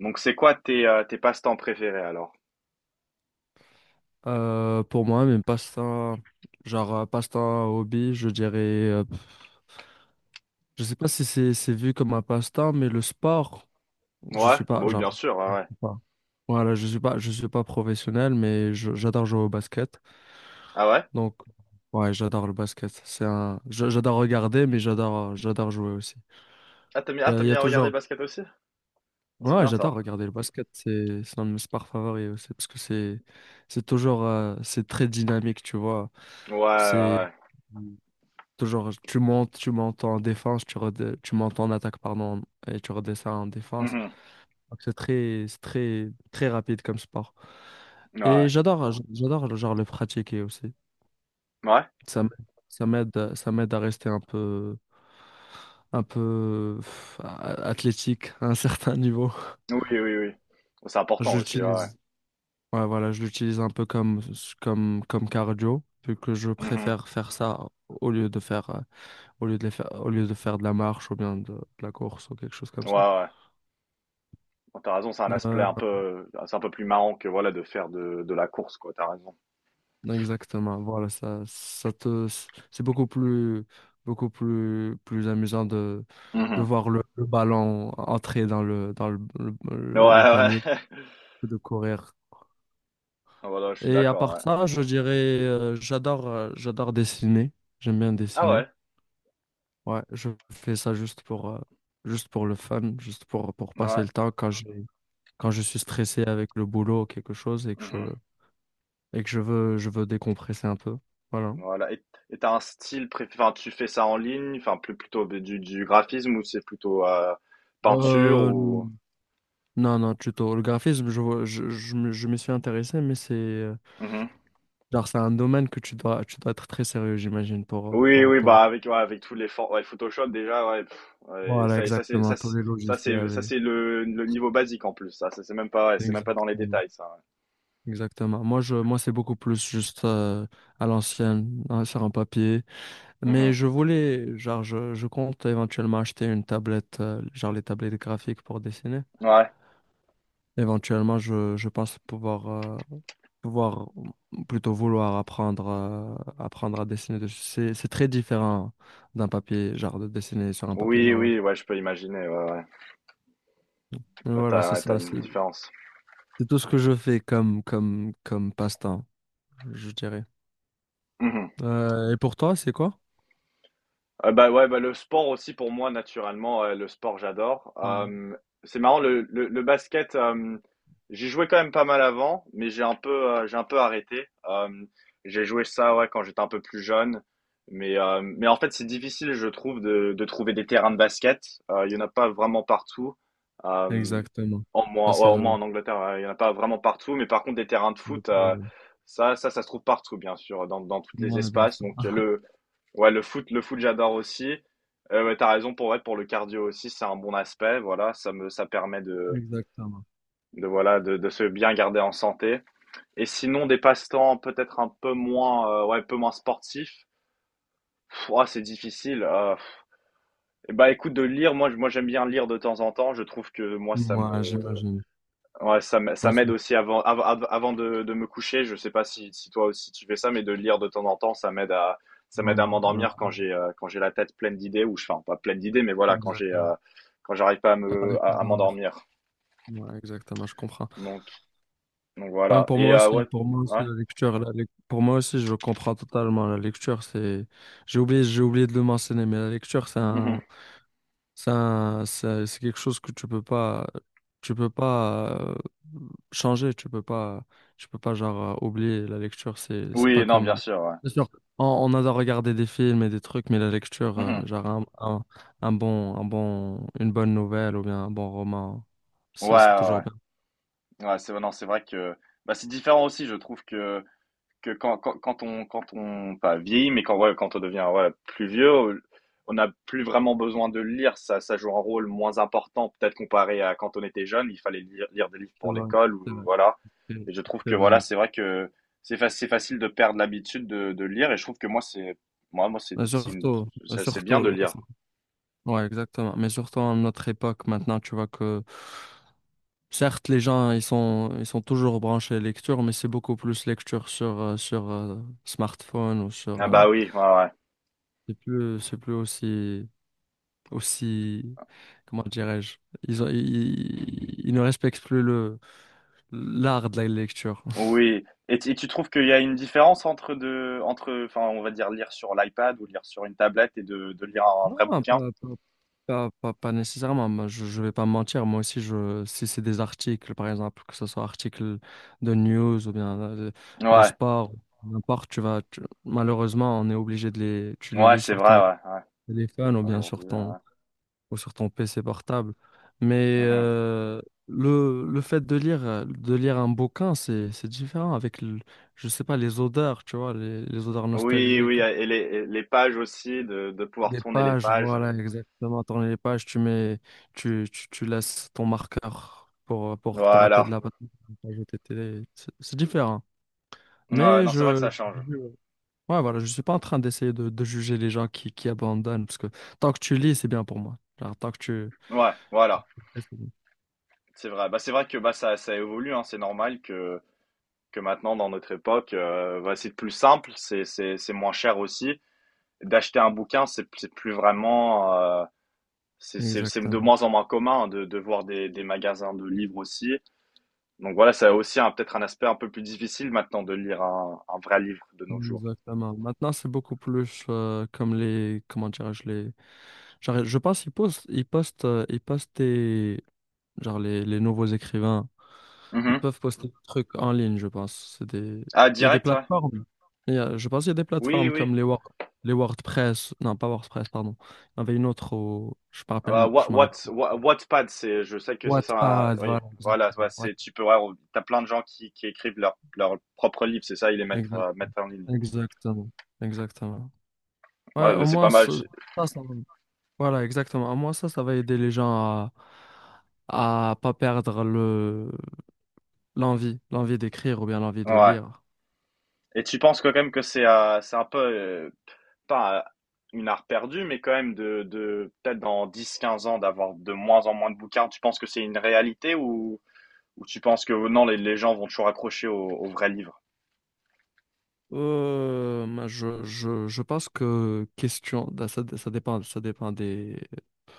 Donc c'est quoi tes, tes passe-temps préférés alors? Pour moi, même passe-temps, genre passe-temps hobby, je dirais, je sais pas si c'est vu comme un passe-temps, mais le sport, Ouais? je suis Bah, pas, oui genre, bien sûr, ouais, je ouais. suis pas. Voilà, je suis pas professionnel, mais j'adore jouer au basket. Ah ouais? Donc, ouais, j'adore le basket. J'adore regarder, mais j'adore, j'adore jouer aussi. Ah t'as mis ah t'as Il aimes y a bien regarder toujours, le basket aussi? Bon, c'est Ouais, bien ça. j'adore regarder le basket. C'est un de mes sports favoris aussi, parce que c'est toujours, c'est très dynamique, tu vois. Ouais, ouais, C'est, ouais. Toujours, tu montes en défense, tu montes en attaque, pardon, et tu redescends en défense. Mmh. Donc, c'est très, très rapide comme sport. Ouais, ouais. Et j'adore genre le pratiquer aussi. Ouais? Ça m- ça m'aide à rester un peu, athlétique à un certain niveau. Oui, oui, oui. C'est important aussi, ouais, ouais. J'utilise, ouais, voilà, je l'utilise un peu comme, comme cardio, vu que je Mmh. préfère faire ça au lieu de faire. Au lieu de faire de la marche ou bien de la course ou quelque chose comme Ouais, ça. ouais. Bah, tu raison, c'est un aspect Euh, un peu c'est un peu plus marrant que voilà de faire de la course quoi, t'as raison. Exactement, voilà, c'est beaucoup plus amusant de Mmh. voir le ballon entrer dans le, dans le, le, Ouais, le- le ouais. panier que de courir. Voilà, je suis Et à d'accord, part ouais. ça, je dirais, j'adore dessiner. J'aime bien Ah dessiner. ouais? Ouais, je fais ça juste pour le fun, juste pour passer Ouais. le temps quand je suis stressé avec le boulot ou quelque chose et que je, Mmh. et que je veux décompresser un peu. Voilà. Voilà. Et tu un style préf enfin, tu fais ça en ligne, enfin, plus plutôt du graphisme ou c'est plutôt, peinture Euh, ou? non, non, tuto. Le graphisme, je, vois- je, me- je m'y suis intéressé, mais c'est Mhm. genre, c'est un domaine que tu dois être très sérieux, j'imagine, pour, euh, Oui, pour, oui, pour... bah, avec ouais, avec tous les for ouais, Photoshop déjà, ouais, pff, ouais, Voilà, ça ça c'est exactement, ça tous c'est les ça c'est ça logiciels. c'est le niveau basique en plus, ça. Ça, c'est même pas ouais, c'est même pas dans les Exactement. détails ça, Exactement. Moi, c'est beaucoup plus juste à l'ancienne, hein, sur un papier. ouais. Mais Mmh. Genre, je compte éventuellement acheter une tablette, genre les tablettes graphiques pour dessiner. Ouais. Éventuellement, je pense pouvoir ou plutôt vouloir apprendre apprendre à dessiner dessus. C'est très différent d'un papier, genre de dessiner sur un papier Oui, normal. oui, ouais, je peux imaginer, ouais, ouais. Mais voilà, T'as tu c'est ouais, tu ça, une c'est différence. c'est tout ce que je fais comme, comme passe-temps, je dirais. Mmh. Et pour toi, c'est quoi? Bah ouais, bah le sport aussi pour moi naturellement, le sport j'adore. Ouais. C'est marrant le basket, j'y jouais quand même pas mal avant, mais j'ai un peu arrêté. J'ai joué ça ouais quand j'étais un peu plus jeune, mais en fait c'est difficile je trouve de trouver des terrains de basket. Il y en a pas vraiment partout. Euh, Exactement. en Ça, moins ouais, c'est au moins le, en Angleterre ouais, il y en a pas vraiment partout, mais par contre des terrains de le foot problème. Ça se trouve partout bien sûr dans tous les Ouais, bien espaces sûr. donc le ouais, le foot, j'adore aussi. Ouais, t'as raison pour ouais, pour le cardio aussi, c'est un bon aspect. Voilà, ça permet de Exactement. Voilà de se bien garder en santé. Et sinon des passe-temps peut-être un peu moins ouais un peu moins sportifs. Pff, ouah, c'est difficile. Bah écoute de lire, moi j'aime bien lire de temps en temps. Je trouve que moi ça Moi, me j'imagine. ouais, Moi ça m'aide aussi. aussi avant de me coucher. Je sais pas si, si toi aussi tu fais ça, mais de lire de temps en temps, ça Ouais, m'aide à ouais, m'endormir quand j'ai la tête pleine d'idées, ou je enfin, pas pleine d'idées, mais voilà, quand j'ai, exactement. Quand j'arrive pas T'arrives pas à à dormir. m'endormir. Ouais, exactement, je comprends. Donc, donc Ouais, voilà. Et, ouais, pour moi aussi, ouais. la lecture, pour moi aussi, je comprends totalement. La lecture, c'est, j'ai oublié de le mentionner, mais la lecture, c'est Mhm. un, c'est un- c'est quelque chose que tu peux pas changer, tu peux pas genre oublier la lecture. C'est pas Oui, non, bien comme, sûr, ouais. bien sûr, on adore regarder des films et des trucs, mais la lecture, Mhm. genre une bonne nouvelle ou bien un bon roman, Ouais, c'est toujours ouais, bien. ouais. Ouais, c'est, non, c'est vrai que, bah, c'est différent aussi, je trouve que quand on, quand on, pas vieillit, mais quand, ouais, quand on devient voilà, plus vieux, on n'a plus vraiment besoin de le lire. Ça joue un rôle moins important, peut-être comparé à quand on était jeune. Il fallait lire des livres C'est pour vrai, l'école c'est ou vrai, voilà. c'est Et je trouve c'est que vrai. voilà, c'est vrai que c'est facile de perdre l'habitude de lire. Et je trouve que moi, c'est moi, moi, c'est Mais c'est une- Surtout, c'est bien de surtout, lire. sur- ouais, exactement. Mais surtout à notre époque, maintenant, tu vois que certes, les gens, ils sont toujours branchés lecture, mais c'est beaucoup plus lecture sur, sur smartphone ou sur. Ah bah oui, ouais, ouais. C'est plus, c'est plus aussi, comment dirais-je, ils ne respectent plus l'art de la lecture. Oui. Et, et tu trouves qu'il y a une différence entre, enfin, on va dire lire sur l'iPad ou lire sur une tablette et de lire un vrai Non, pas, bouquin? pas- Pas, pas, pas nécessairement. Moi, je ne vais pas me mentir, moi aussi, si c'est des articles, par exemple, que ce soit articles de news ou bien Ouais. sport, n'importe, malheureusement, on est obligé tu les Ouais, lis c'est sur vrai, ton ouais, ouais. téléphone ou bien Aujourd'hui, ouais, ouais. Sur ton PC portable. Mais Mhm. Le fait de lire un bouquin, c'est différent avec, je sais pas, les odeurs, tu vois, les odeurs Oui, nostalgiques. oui, et les pages aussi, de pouvoir Des tourner les pages, pages. voilà, exactement. Tourner les pages, tu mets, tu laisses ton marqueur pour te rappeler de Voilà. la page OTT. C'est différent. Ouais, Mais non, c'est vrai que ça change. je- ouais, voilà, je suis pas en train d'essayer de juger les gens qui abandonnent, parce que tant que tu lis, c'est bien pour moi. Genre, Ouais, tant voilà. que tu fais, c'est C'est vrai. Bah, c'est vrai que bah, ça évolue, hein. C'est normal que maintenant, dans notre époque, bah, c'est plus simple, c'est moins cher aussi. D'acheter un bouquin, c'est plus vraiment. Bien. C'est de Exactement. moins en moins commun hein, de voir des magasins de livres aussi. Donc voilà, ça a aussi peut-être un aspect un peu plus difficile maintenant de lire un vrai livre de nos jours. Exactement. Maintenant, c'est beaucoup plus comme les, comment dirais-je, les, genre, je pense qu'genre les nouveaux écrivains. Ils Mhm. peuvent poster des trucs en ligne, je pense. C'est des... Ah Il y a des direct, ouais. plateformes. Je pense qu'il y a des Oui, plateformes oui. comme les WordPress. Non, pas WordPress, pardon. Il y en avait une autre au... Je me Ah rappelle... Wa Je me what rappelle. Wa Wattpad, c'est je sais que ça sert à Wattpad, oui, voilà, voilà, ouais, exactement. c'est tu peux ouais, t'as plein de gens qui écrivent leur propre livre c'est ça? Ils les mettent, exact- mettent en ligne. Exactement. Exactement. Ouais, Ouais, bah, au c'est pas moins, mal, ça, tu ça, ça va. Voilà, exactement. Au moins, ça va aider les gens à pas perdre le... L'envie d'écrire ou bien l'envie de ouais, lire. et tu penses que quand même que c'est un peu, pas, une art perdue, mais quand même de peut-être dans dix quinze ans d'avoir de moins en moins de bouquins, tu penses que c'est une réalité ou tu penses que oh non, les gens vont toujours accrocher aux aux vrais livres? Moi, je pense que question, bah, ça dépend, ça dépend des,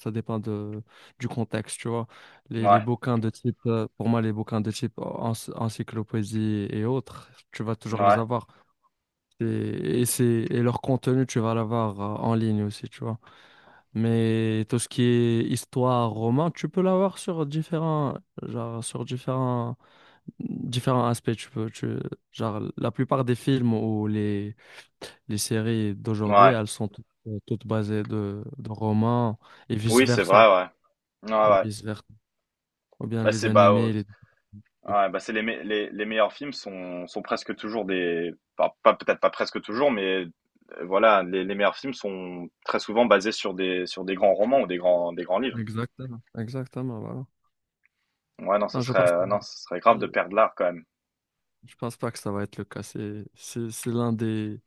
ça dépend du contexte, tu vois. Les Ouais, bouquins de type, pour moi, les bouquins de type encyclopédie et autres, tu vas toujours les ouais, avoir. Et leur contenu, tu vas l'avoir en ligne aussi, tu vois. Mais tout ce qui est histoire, roman, tu peux l'avoir sur différents, genre, différents aspects. Genre, la plupart des films ou les séries d'aujourd'hui, ouais. elles sont toutes basées de romans et Oui, c'est vrai, vice-versa. ouais. Ouais, Et ouais. vice-versa. Ou bien Bah, les c'est bah, animés, les trucs. ouais, bah, c'est les, me- les meilleurs films sont, sont presque toujours des. Enfin, pas, peut-être pas presque toujours, mais voilà, les meilleurs films sont très souvent basés sur des grands romans ou des des grands livres. Exactement. Exactement, voilà. Ouais, non, ce Non, je serait, pense ah pas, non, ce serait grave de perdre l'art quand même. je pense pas que ça va être le cas.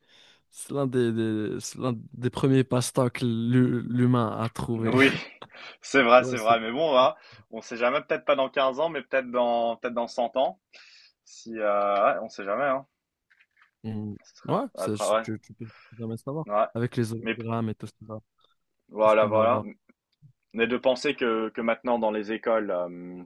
C'est l'un des- c'est l'un des premiers passe-temps que l'humain a trouvé. Oui, c'est vrai, Tu c'est vois. Vrai. Mais bon, voilà, on sait jamais, peut-être pas dans 15 ans, mais peut-être dans 100 ans. Si, ouais, on sait jamais, hein. on- Ce sera, Ouais, ouais, ouais, tu peux jamais savoir. ouais. Avec les Mais hologrammes et tout ça, tout ce qu'on va voilà. avoir. Mais de penser que maintenant dans les écoles,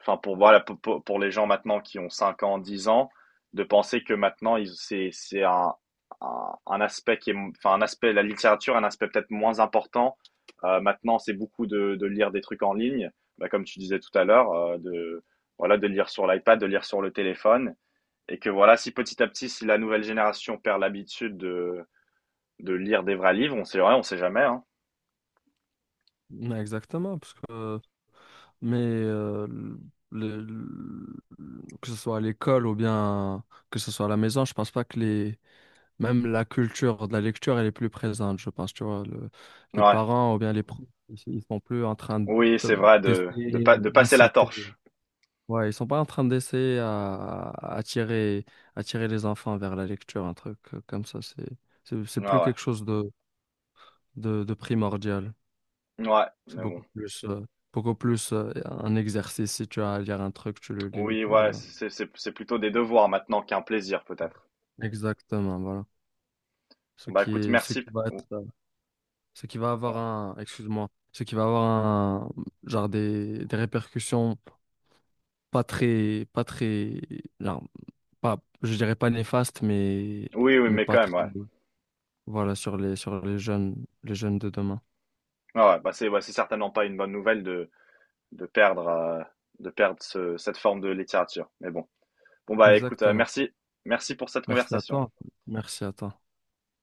enfin pour voilà pour les gens maintenant qui ont 5 ans, 10 ans, de penser que maintenant c'est un, un aspect qui est enfin un aspect la littérature un aspect peut-être moins important. Maintenant c'est beaucoup de lire des trucs en ligne, bah, comme tu disais tout à l'heure, de voilà de lire sur l'iPad, de lire sur le téléphone, et que voilà si petit à petit si la nouvelle génération perd l'habitude de lire des vrais livres, on sait ouais, on sait jamais hein. Ouais, exactement, parce que, mais le- le- que ce soit à l'école ou bien que ce soit à la maison, je pense pas que les, même la culture de la lecture, elle est plus présente, je pense, tu vois, les Ouais. parents ou bien les profs, ils sont plus en train Oui, c'est vrai de d'essayer pas de passer la d'inciter. torche. Ouais, ils sont pas en train d'essayer à attirer, attirer les enfants vers la lecture, un truc comme ça. C'est Ouais, plus ouais. quelque chose de primordial. Ouais, C'est mais bon. Beaucoup plus un exercice. Si tu as à lire un truc, tu le lis et Oui, puis ouais, voilà. C'est plutôt des devoirs maintenant qu'un plaisir peut-être. Exactement, voilà. Ce Bah qui écoute, est, ce merci. qui va Ou- être, ce qui va avoir ouais. un, excuse-moi, Ce qui va avoir un, genre des répercussions pas très, pas très, non, pas, je dirais pas néfastes, Oui, oui, mais mais pas quand même, très. ouais. Voilà, sur sur les jeunes de demain. Ouais, ouais, bah c'est ouais, c'est certainement pas une bonne nouvelle de perdre euh, de perdre cette forme de littérature. Mais bon. Bon bah écoute, Exactement. merci. Merci pour cette Merci à conversation. toi. Merci à toi.